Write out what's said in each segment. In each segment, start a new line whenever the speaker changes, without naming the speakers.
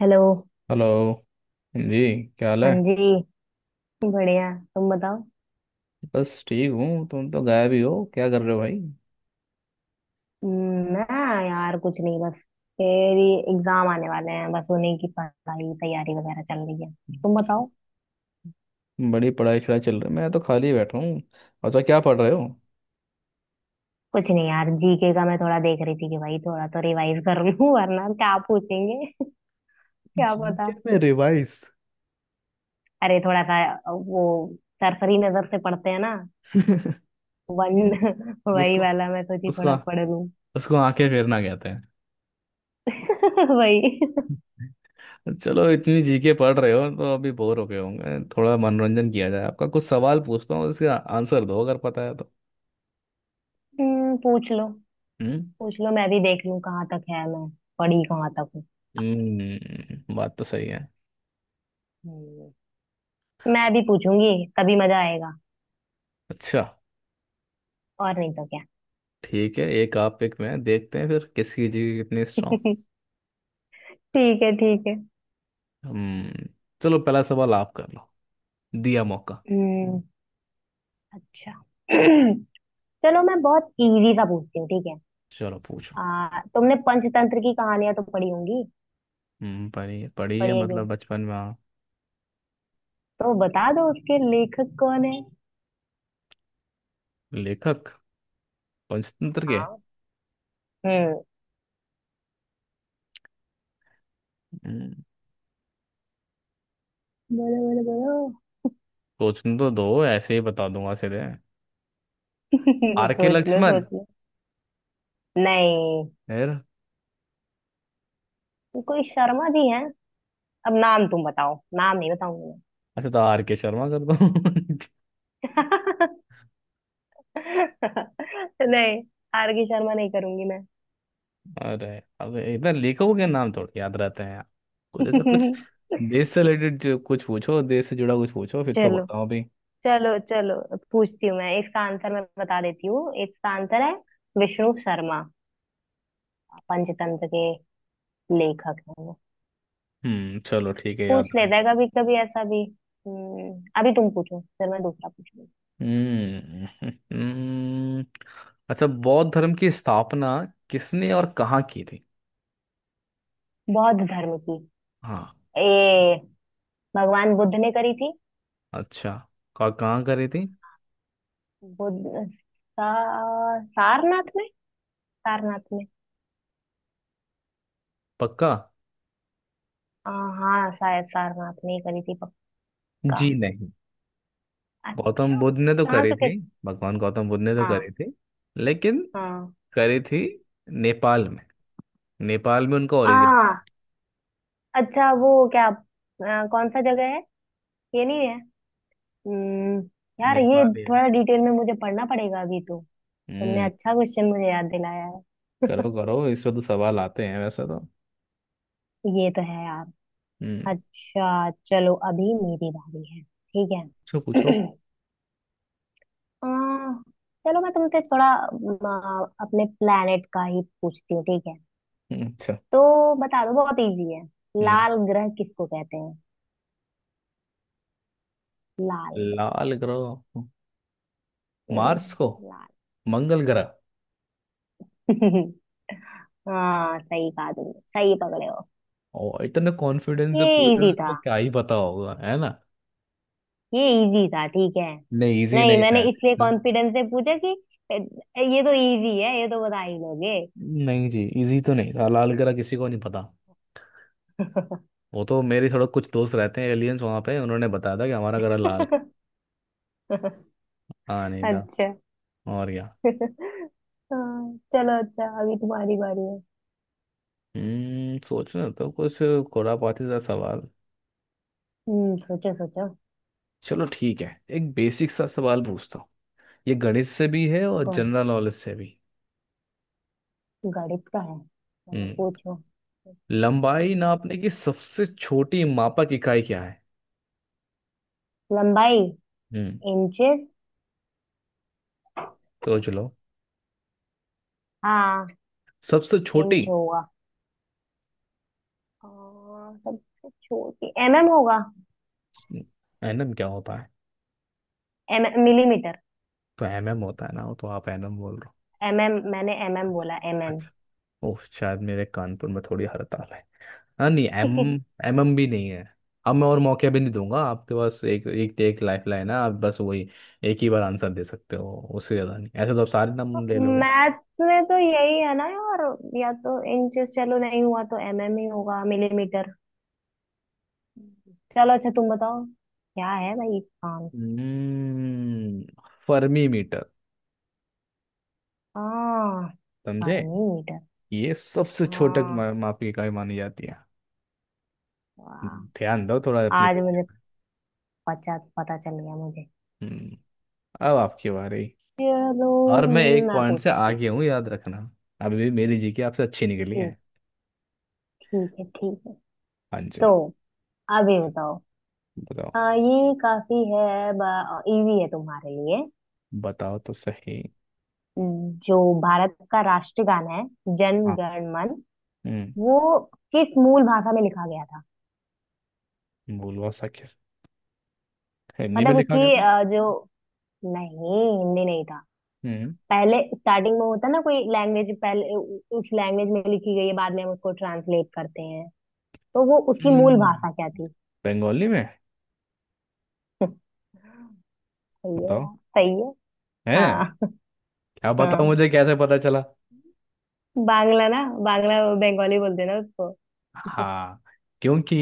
Hello.
Hello जी। क्या हाल
हाँ
है।
जी। बढ़िया। तुम बताओ।
बस ठीक हूँ। तुम तो गायब ही हो, क्या कर रहे हो भाई।
ना यार, कुछ नहीं बस। तेरी। एग्जाम आने वाले हैं, बस उन्हीं की पढ़ाई तैयारी वगैरह चल रही है। तुम बताओ।
बड़ी पढ़ाई शढ़ाई चल रही है। मैं तो खाली बैठा हूँ। अच्छा, क्या पढ़ रहे हो।
कुछ नहीं यार, जीके का मैं थोड़ा देख रही थी कि भाई थोड़ा तो रिवाइज कर लूं। वरना क्या पूछेंगे। क्या पता।
जीके में रिवाइज।
अरे थोड़ा सा वो सरसरी नजर से पढ़ते हैं ना। वन वही
उसको
वाला, मैं सोची
उसको
थोड़ा पढ़ लूं।
उसको आंखें फेरना कहते हैं।
वही।
चलो, इतनी जीके पढ़ रहे हो तो अभी बोर हो गए होंगे। थोड़ा मनोरंजन किया जाए आपका। कुछ सवाल पूछता हूँ, उसका आंसर दो अगर पता है तो।
पूछ लो।
हम्म।
पूछ लो, मैं भी देख लूं कहाँ तक है, मैं पढ़ी कहाँ तक हूँ।
बात तो सही है।
हम्म, मैं भी पूछूंगी, तभी मजा आएगा।
अच्छा,
और नहीं तो क्या।
ठीक है। एक आप एक मैं, देखते हैं फिर किसकी जीके कितनी।
ठीक है, ठीक है।
हम्म चलो, पहला सवाल आप कर लो। दिया मौका।
हम्म। अच्छा। चलो, मैं बहुत इजी सा पूछती हूँ, ठीक है।
चलो, पूछो।
तुमने पंचतंत्र की कहानियां तो पढ़ी होंगी।
पढ़ी पढ़ी है,
पढ़ी है कि
मतलब
नहीं?
बचपन में हाँ।
तो बता दो उसके लेखक कौन है।
लेखक, पंचतंत्र के।
हाँ। हम्म।
हम्म,
बोलो, बोलो, बोलो।
सोचने तो दो, ऐसे ही बता दूंगा सीधे। आर के
सोच लो,
लक्ष्मण।
सोच लो। नहीं।
फिर?
कोई शर्मा जी हैं। अब नाम तुम बताओ, नाम नहीं बताऊंगी
अच्छा, तो आर के शर्मा कर दो।
मैं। नहीं, आर के शर्मा नहीं करूंगी मैं।
अरे अब इतना लेखकों के नाम थोड़ी याद रहते हैं यार। कुछ ऐसा कुछ, देश से रिलेटेड कुछ पूछो, देश से जुड़ा कुछ पूछो, फिर तो
चलो,
बताओ भी।
चलो, चलो। पूछती हूँ, मैं इसका आंसर, मैं बता देती हूँ। इसका आंसर है विष्णु शर्मा। पंचतंत्र के लेखक है वो।
चलो ठीक है, याद
पूछ लेता है
रहेगा।
कभी कभी ऐसा भी। अभी तुम पूछो, फिर मैं दूसरा पूछूंगी।
हम्म। अच्छा, बौद्ध धर्म की स्थापना किसने और कहाँ की थी।
बौद्ध धर्म की।
हाँ।
ए, भगवान बुद्ध ने करी थी।
अच्छा, कहाँ कहाँ करी थी।
बुद्ध। सारनाथ में। सारनाथ में।
पक्का?
आ, हाँ, शायद सारनाथ में ही करी थी। पक्का।
जी नहीं। गौतम
अच्छा,
बुद्ध ने तो
कहाँ
करी
पे
थी।
करी।
भगवान गौतम बुद्ध ने तो
हाँ,
करी थी, लेकिन
हाँ।
करी थी नेपाल में। नेपाल में उनका
आ
ओरिजिन था।
अच्छा, वो क्या, कौन सा जगह है। ये नहीं है। हम्म। यार ये,
नेपाली।
थोड़ा डिटेल में मुझे पढ़ना पड़ेगा अभी तो। तुमने
हम्म।
अच्छा क्वेश्चन मुझे याद दिलाया है।
करो करो, इस पे तो सवाल आते हैं वैसे तो।
ये तो है यार।
हम्म।
अच्छा चलो, अभी मेरी बारी है, ठीक
पूछो पूछो।
है। आ, चलो मैं तुमसे थोड़ा अपने प्लेनेट का ही पूछती हूँ, ठीक है।
अच्छा।
तो बता दो, बहुत इजी है।
हम्म
लाल ग्रह किसको कहते हैं। लाल ग्रह।
लाल ग्रह। मार्स को।
लाल।
मंगल ग्रह।
हाँ, सही कहा तुमने, सही पकड़े हो।
और इतना कॉन्फिडेंस से
ये
पूछे तो
इजी
उसको
था,
क्या ही पता होगा, है ना।
ये इजी था, ठीक है।
नहीं, इजी
नहीं,
नहीं
मैंने
था।
इसलिए कॉन्फिडेंस से पूछा कि "ए, ये तो इजी है, ये तो बता ही लोगे।
नहीं जी, इजी तो नहीं था, लाल ग्रह किसी को नहीं पता। वो तो मेरे थोड़ा कुछ दोस्त रहते हैं एलियंस, वहां पे उन्होंने बताया था कि हमारा ग्रह लाल है। हाँ, नहीं था।
अच्छा।
और क्या।
हाँ, चलो अच्छा, अभी तुम्हारी बारी है।
सोचना तो कुछ, खुरापाती सा सवाल।
हम्म, सोचो, सोचो।
चलो ठीक है, एक बेसिक सा सवाल पूछता हूँ। ये गणित से भी है और
कौन।
जनरल नॉलेज से भी।
गणित का है, चलो
हम्म
पूछो।
लंबाई
गणित।
नापने की सबसे छोटी मापक इकाई क्या है।
लंबाई।
हम्म
इंचेस।
सोच लो।
हाँ।
सबसे छोटी।
इंच होगा। और सबसे छोटी एमएम होगा।
एनम क्या होता है।
M millimetre.
तो एम एम होता है ना, वो तो आप एनम बोल रहे हो।
एमएम, मैंने एमएम बोला, एमएम।
अच्छा। ओह, शायद मेरे कानपुर में थोड़ी हड़ताल है। हाँ नहीं, एम एम एम भी नहीं है। अब मैं और मौके भी नहीं दूंगा, आपके पास एक एक एक लाइफ लाइन है। आप बस वही एक ही बार आंसर दे सकते हो, उससे ज़्यादा नहीं। ऐसे तो आप सारे नाम ले लोगे।
मैथ्स में तो यही है ना यार। या तो इंचेस, चलो नहीं हुआ तो एमएम ही होगा, मिलीमीटर। चलो अच्छा, तुम बताओ क्या है भाई काम।
हम्म फर्मी मीटर।
हाँ।
समझे।
Fermi metre.
ये सबसे छोटक
हाँ,
माप की इकाई मानी जाती है।
वाह।
ध्यान दो थोड़ा अपने
आज
देश
मुझे
में।
पता, पता चल गया मुझे।
हम्म अब आपकी बारी।
चलो
और मैं एक
मैं
पॉइंट से
पूछती हूँ।
आगे हूँ, याद रखना। अभी भी मेरी जीके आपसे अच्छी निकली है।
ठीक, ठीक है, ठीक है।
हाँ जी।
तो अभी बताओ।
बताओ।
हाँ ये काफी है। इजी है तुम्हारे लिए।
बताओ तो सही।
जो भारत का राष्ट्रगान है, जन
हाँ।
गण मन,
हम्म
वो किस मूल भाषा में लिखा गया था।
भूलवा सा, किस हिंदी में
मतलब
लिखा गया
उसकी
था।
जो, नहीं हिंदी नहीं था।
हम्म।
पहले स्टार्टिंग में होता ना कोई लैंग्वेज, पहले उस लैंग्वेज में लिखी गई है, बाद में हम उसको ट्रांसलेट करते हैं। तो वो उसकी मूल
हम्म,
भाषा क्या थी।
बंगाली में।
सही है
बताओ।
यार, सही है।
है।
हाँ।
क्या बताओ,
हाँ,
मुझे कैसे पता चला।
बांग्ला ना। बांग्ला। बंगाली बोलते हैं ना उसको।
हाँ। क्योंकि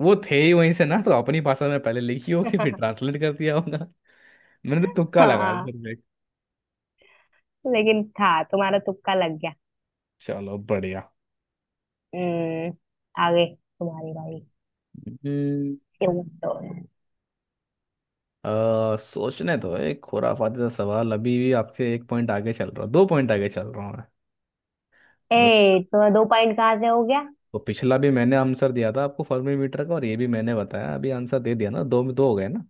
वो थे ही वहीं से ना, तो अपनी भाषा में पहले लिखी होगी, फिर ट्रांसलेट कर दिया होगा। मैंने तो तुक्का लगा
हाँ,
लिया।
लेकिन था, तुम्हारा तुक्का लग गया।
चलो, बढ़िया।
हम्म। आगे तुम्हारी बारी।
हम्म
क्यों तो।
सोचने तो एक खुराफाती सा सवाल। अभी भी आपसे एक पॉइंट आगे चल रहा हूँ, दो पॉइंट आगे चल रहा हूँ मैं। मतलब,
ए, तो दो पॉइंट कहाँ से हो गया।
तो पिछला भी मैंने आंसर दिया था आपको, फर्मी मीटर का। और ये भी मैंने बताया अभी, आंसर दे दिया ना, दो में दो हो गए ना।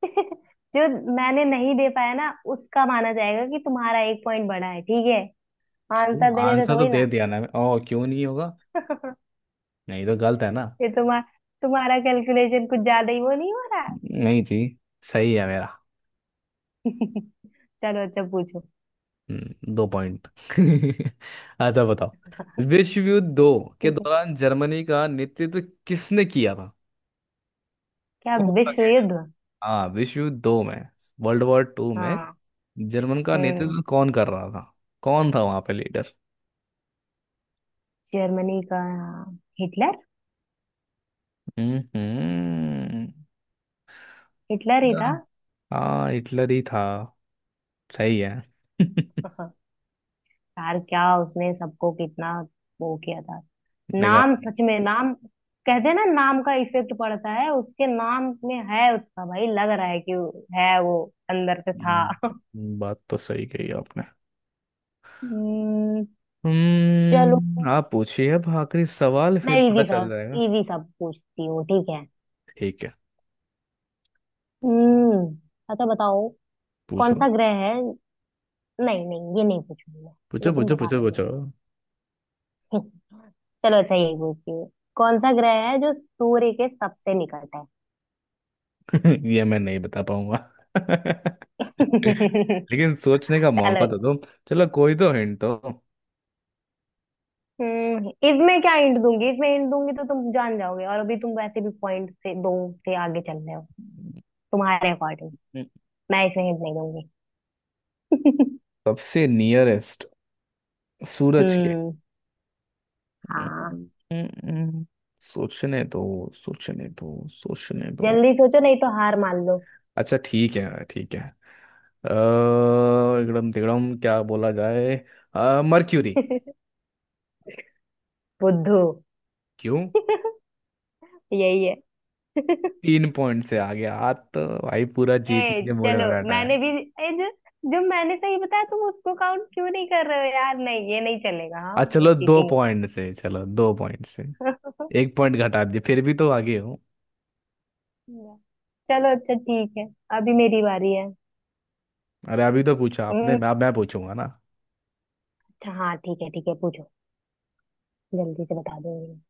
जो मैंने नहीं दे पाया ना, उसका माना जाएगा कि तुम्हारा एक पॉइंट बढ़ा है, ठीक है।
क्यों,
आंसर देने तो
आंसर तो
थोड़ी
दे
ना।
दिया ना मैं, ओ क्यों नहीं होगा। नहीं तो गलत है ना।
ये तुम्हारा तुम्हारा कैलकुलेशन कुछ ज्यादा ही वो नहीं हो रहा है।
नहीं जी, सही है मेरा।
चलो अच्छा, पूछो।
दो पॉइंट अच्छा, बताओ। विश्व युद्ध दो के
ठीक है।
दौरान जर्मनी का नेतृत्व किसने किया था।
क्या
कौन सा
विश्व
leader?
युद्ध।
हाँ, विश्व युद्ध दो में। वर्ल्ड वॉर टू में।
हाँ।
जर्मन का
हम्म।
नेतृत्व कौन कर रहा था। कौन था वहां पे लीडर।
जर्मनी का। हाँ, हिटलर।
हम्म।
हिटलर ही
या-
था।
हाँ, हिटलर ही था। सही है।
यार, क्या उसने सबको कितना वो किया था।
बेकार।
नाम, सच में नाम। कहते हैं ना, नाम का इफेक्ट पड़ता है, उसके नाम में है उसका। भाई लग रहा है कि है वो अंदर से था।
बात तो सही कही आपने।
हम्म, चलो
आप पूछिए अब, आखिरी सवाल
मैं
फिर पता
इजी सा,
चल जाएगा।
इजी सा पूछती हूँ, ठीक है।
ठीक है।
हम्म, अच्छा बताओ। कौन
पूछो
सा ग्रह है। नहीं, नहीं, ये नहीं पूछूंगी मैं। ये
पूछो
तुम
पूछो
बता
पूछो
लोगे।
पूछो।
चलो अच्छा, यही पूछती हूँ। कौन सा ग्रह है जो सूर्य के सबसे निकट है।
ये मैं नहीं बता पाऊंगा। लेकिन सोचने का मौका तो
चलो।
दो। चलो, कोई तो हिंट तो।
हम्म, इफ मैं क्या हिंट दूंगी, इफ मैं हिंट दूंगी तो तुम जान जाओगे, और अभी तुम वैसे भी पॉइंट से दो से आगे चल रहे हो तुम्हारे अकॉर्डिंग। मैं इसमें हिंट नहीं दूंगी।
सबसे नियरेस्ट सूरज के।
हम्म हाँ,
हम्म, सोचने दो, सोचने दो, सोचने दो।
जल्दी सोचो, नहीं तो हार मान लो।
अच्छा ठीक है, ठीक है। अ, एकदम तिगड़म, क्या बोला जाए। मर्क्यूरी।
बुद्धू।
क्यों।
यही है।
तीन पॉइंट से आगे आज, तो भाई पूरा
ए,
जीतने के मूड
चलो
में बैठा है।
मैंने भी। ए, जो जो मैंने सही बताया तुम उसको काउंट क्यों नहीं कर रहे हो यार, नहीं ये नहीं चलेगा, हाँ
आ
ये
चलो, दो
चीटिंग है।
पॉइंट से, चलो दो पॉइंट से। एक पॉइंट घटा दिए, फिर भी तो आगे हो।
चलो अच्छा, ठीक है, अभी मेरी बारी है।
अरे अभी तो पूछा आपने,
हम्म,
मैं पूछूंगा ना।
अच्छा, हाँ ठीक है, ठीक है, पूछो। जल्दी से बता दूंगी।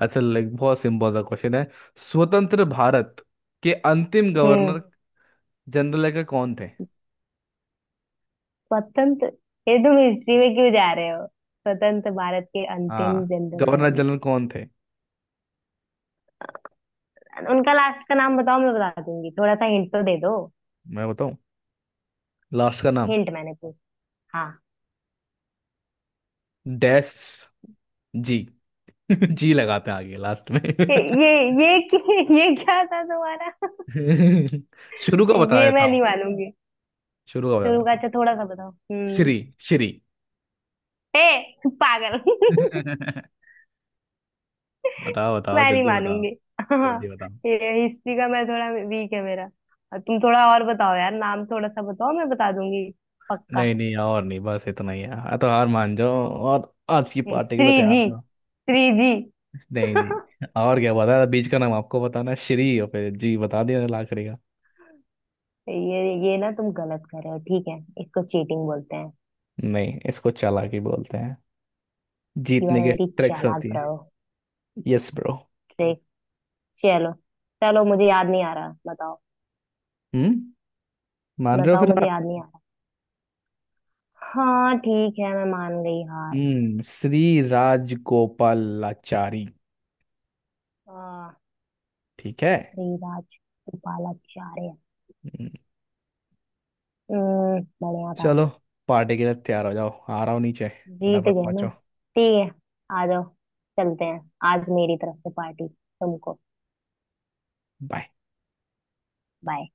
अच्छा, लाइक बहुत सिंपल सा क्वेश्चन है। स्वतंत्र भारत के अंतिम
हम्म।
गवर्नर जनरल का कौन थे।
स्वतंत्र। ये तुम हिस्ट्री में क्यों जा रहे हो, स्वतंत्र भारत के अंतिम
हाँ,
जनरल
गवर्नर
गवर्नर।
जनरल कौन थे।
उनका लास्ट का नाम बताओ, मैं बता दूंगी, थोड़ा सा हिंट तो दे दो।
मैं बताऊं। लास्ट का नाम।
हिंट मैंने पूछ। हाँ।
डैश। जी। जी लगाते हैं आगे लास्ट में।
ये ये ये ये क्या था तुम्हारा।
शुरू का बता
ये
देता
मैं
हूँ।
नहीं मानूंगी।
शुरू का बता
शुरू का
देता हूँ।
अच्छा, थोड़ा सा बताओ, हम्म।
श्री। श्री।
ए, पागल।
बताओ। बताओ,
मैं नहीं
जल्दी बताओ।
मानूंगी।
जल्दी
हाँ।
बताओ।
ये हिस्ट्री का मैं थोड़ा वीक है मेरा। तुम थोड़ा और बताओ यार, नाम थोड़ा सा बताओ, मैं बता दूंगी। पक्का।
नहीं नहीं और नहीं, बस इतना ही है। हाँ, तो हार मान जाओ और आज की पार्टी के लिए
थ्री जी,
तैयार करो।
Three G.
नहीं जी, और क्या बता था, बीज का नाम आपको बताना है, श्री और फिर जी बता दिया लाकड़ी का।
ये ये ना तुम गलत कर रहे हो, ठीक है। इसको चीटिंग बोलते हैं।
नहीं, इसको चालाकी बोलते हैं।
यू आर
जीतने की
वेरी
ट्रिक्स
चालाक
होती।
ब्रो।
Yes bro.
ठीक। चलो। चलो मुझे याद नहीं आ रहा, बताओ।
हम्म मान रहे हो
बताओ,
फिर,
मुझे
हाँ।
याद नहीं आ रहा। हाँ ठीक है, मैं मान गई हार।
श्री राजगोपालाचारी।
आ,
ठीक है।
श्रीराज गोपालाचार्य।
हम्म,
हम्म, बढ़िया था।
चलो, पार्टी के लिए तैयार हो जाओ, आ रहा हूँ नीचे,
जीत
फटाफट
गए ना।
पहुंचो।
ठीक है। आ जाओ। चलते हैं। आज मेरी तरफ से पार्टी तुमको।
बाय।
बाय।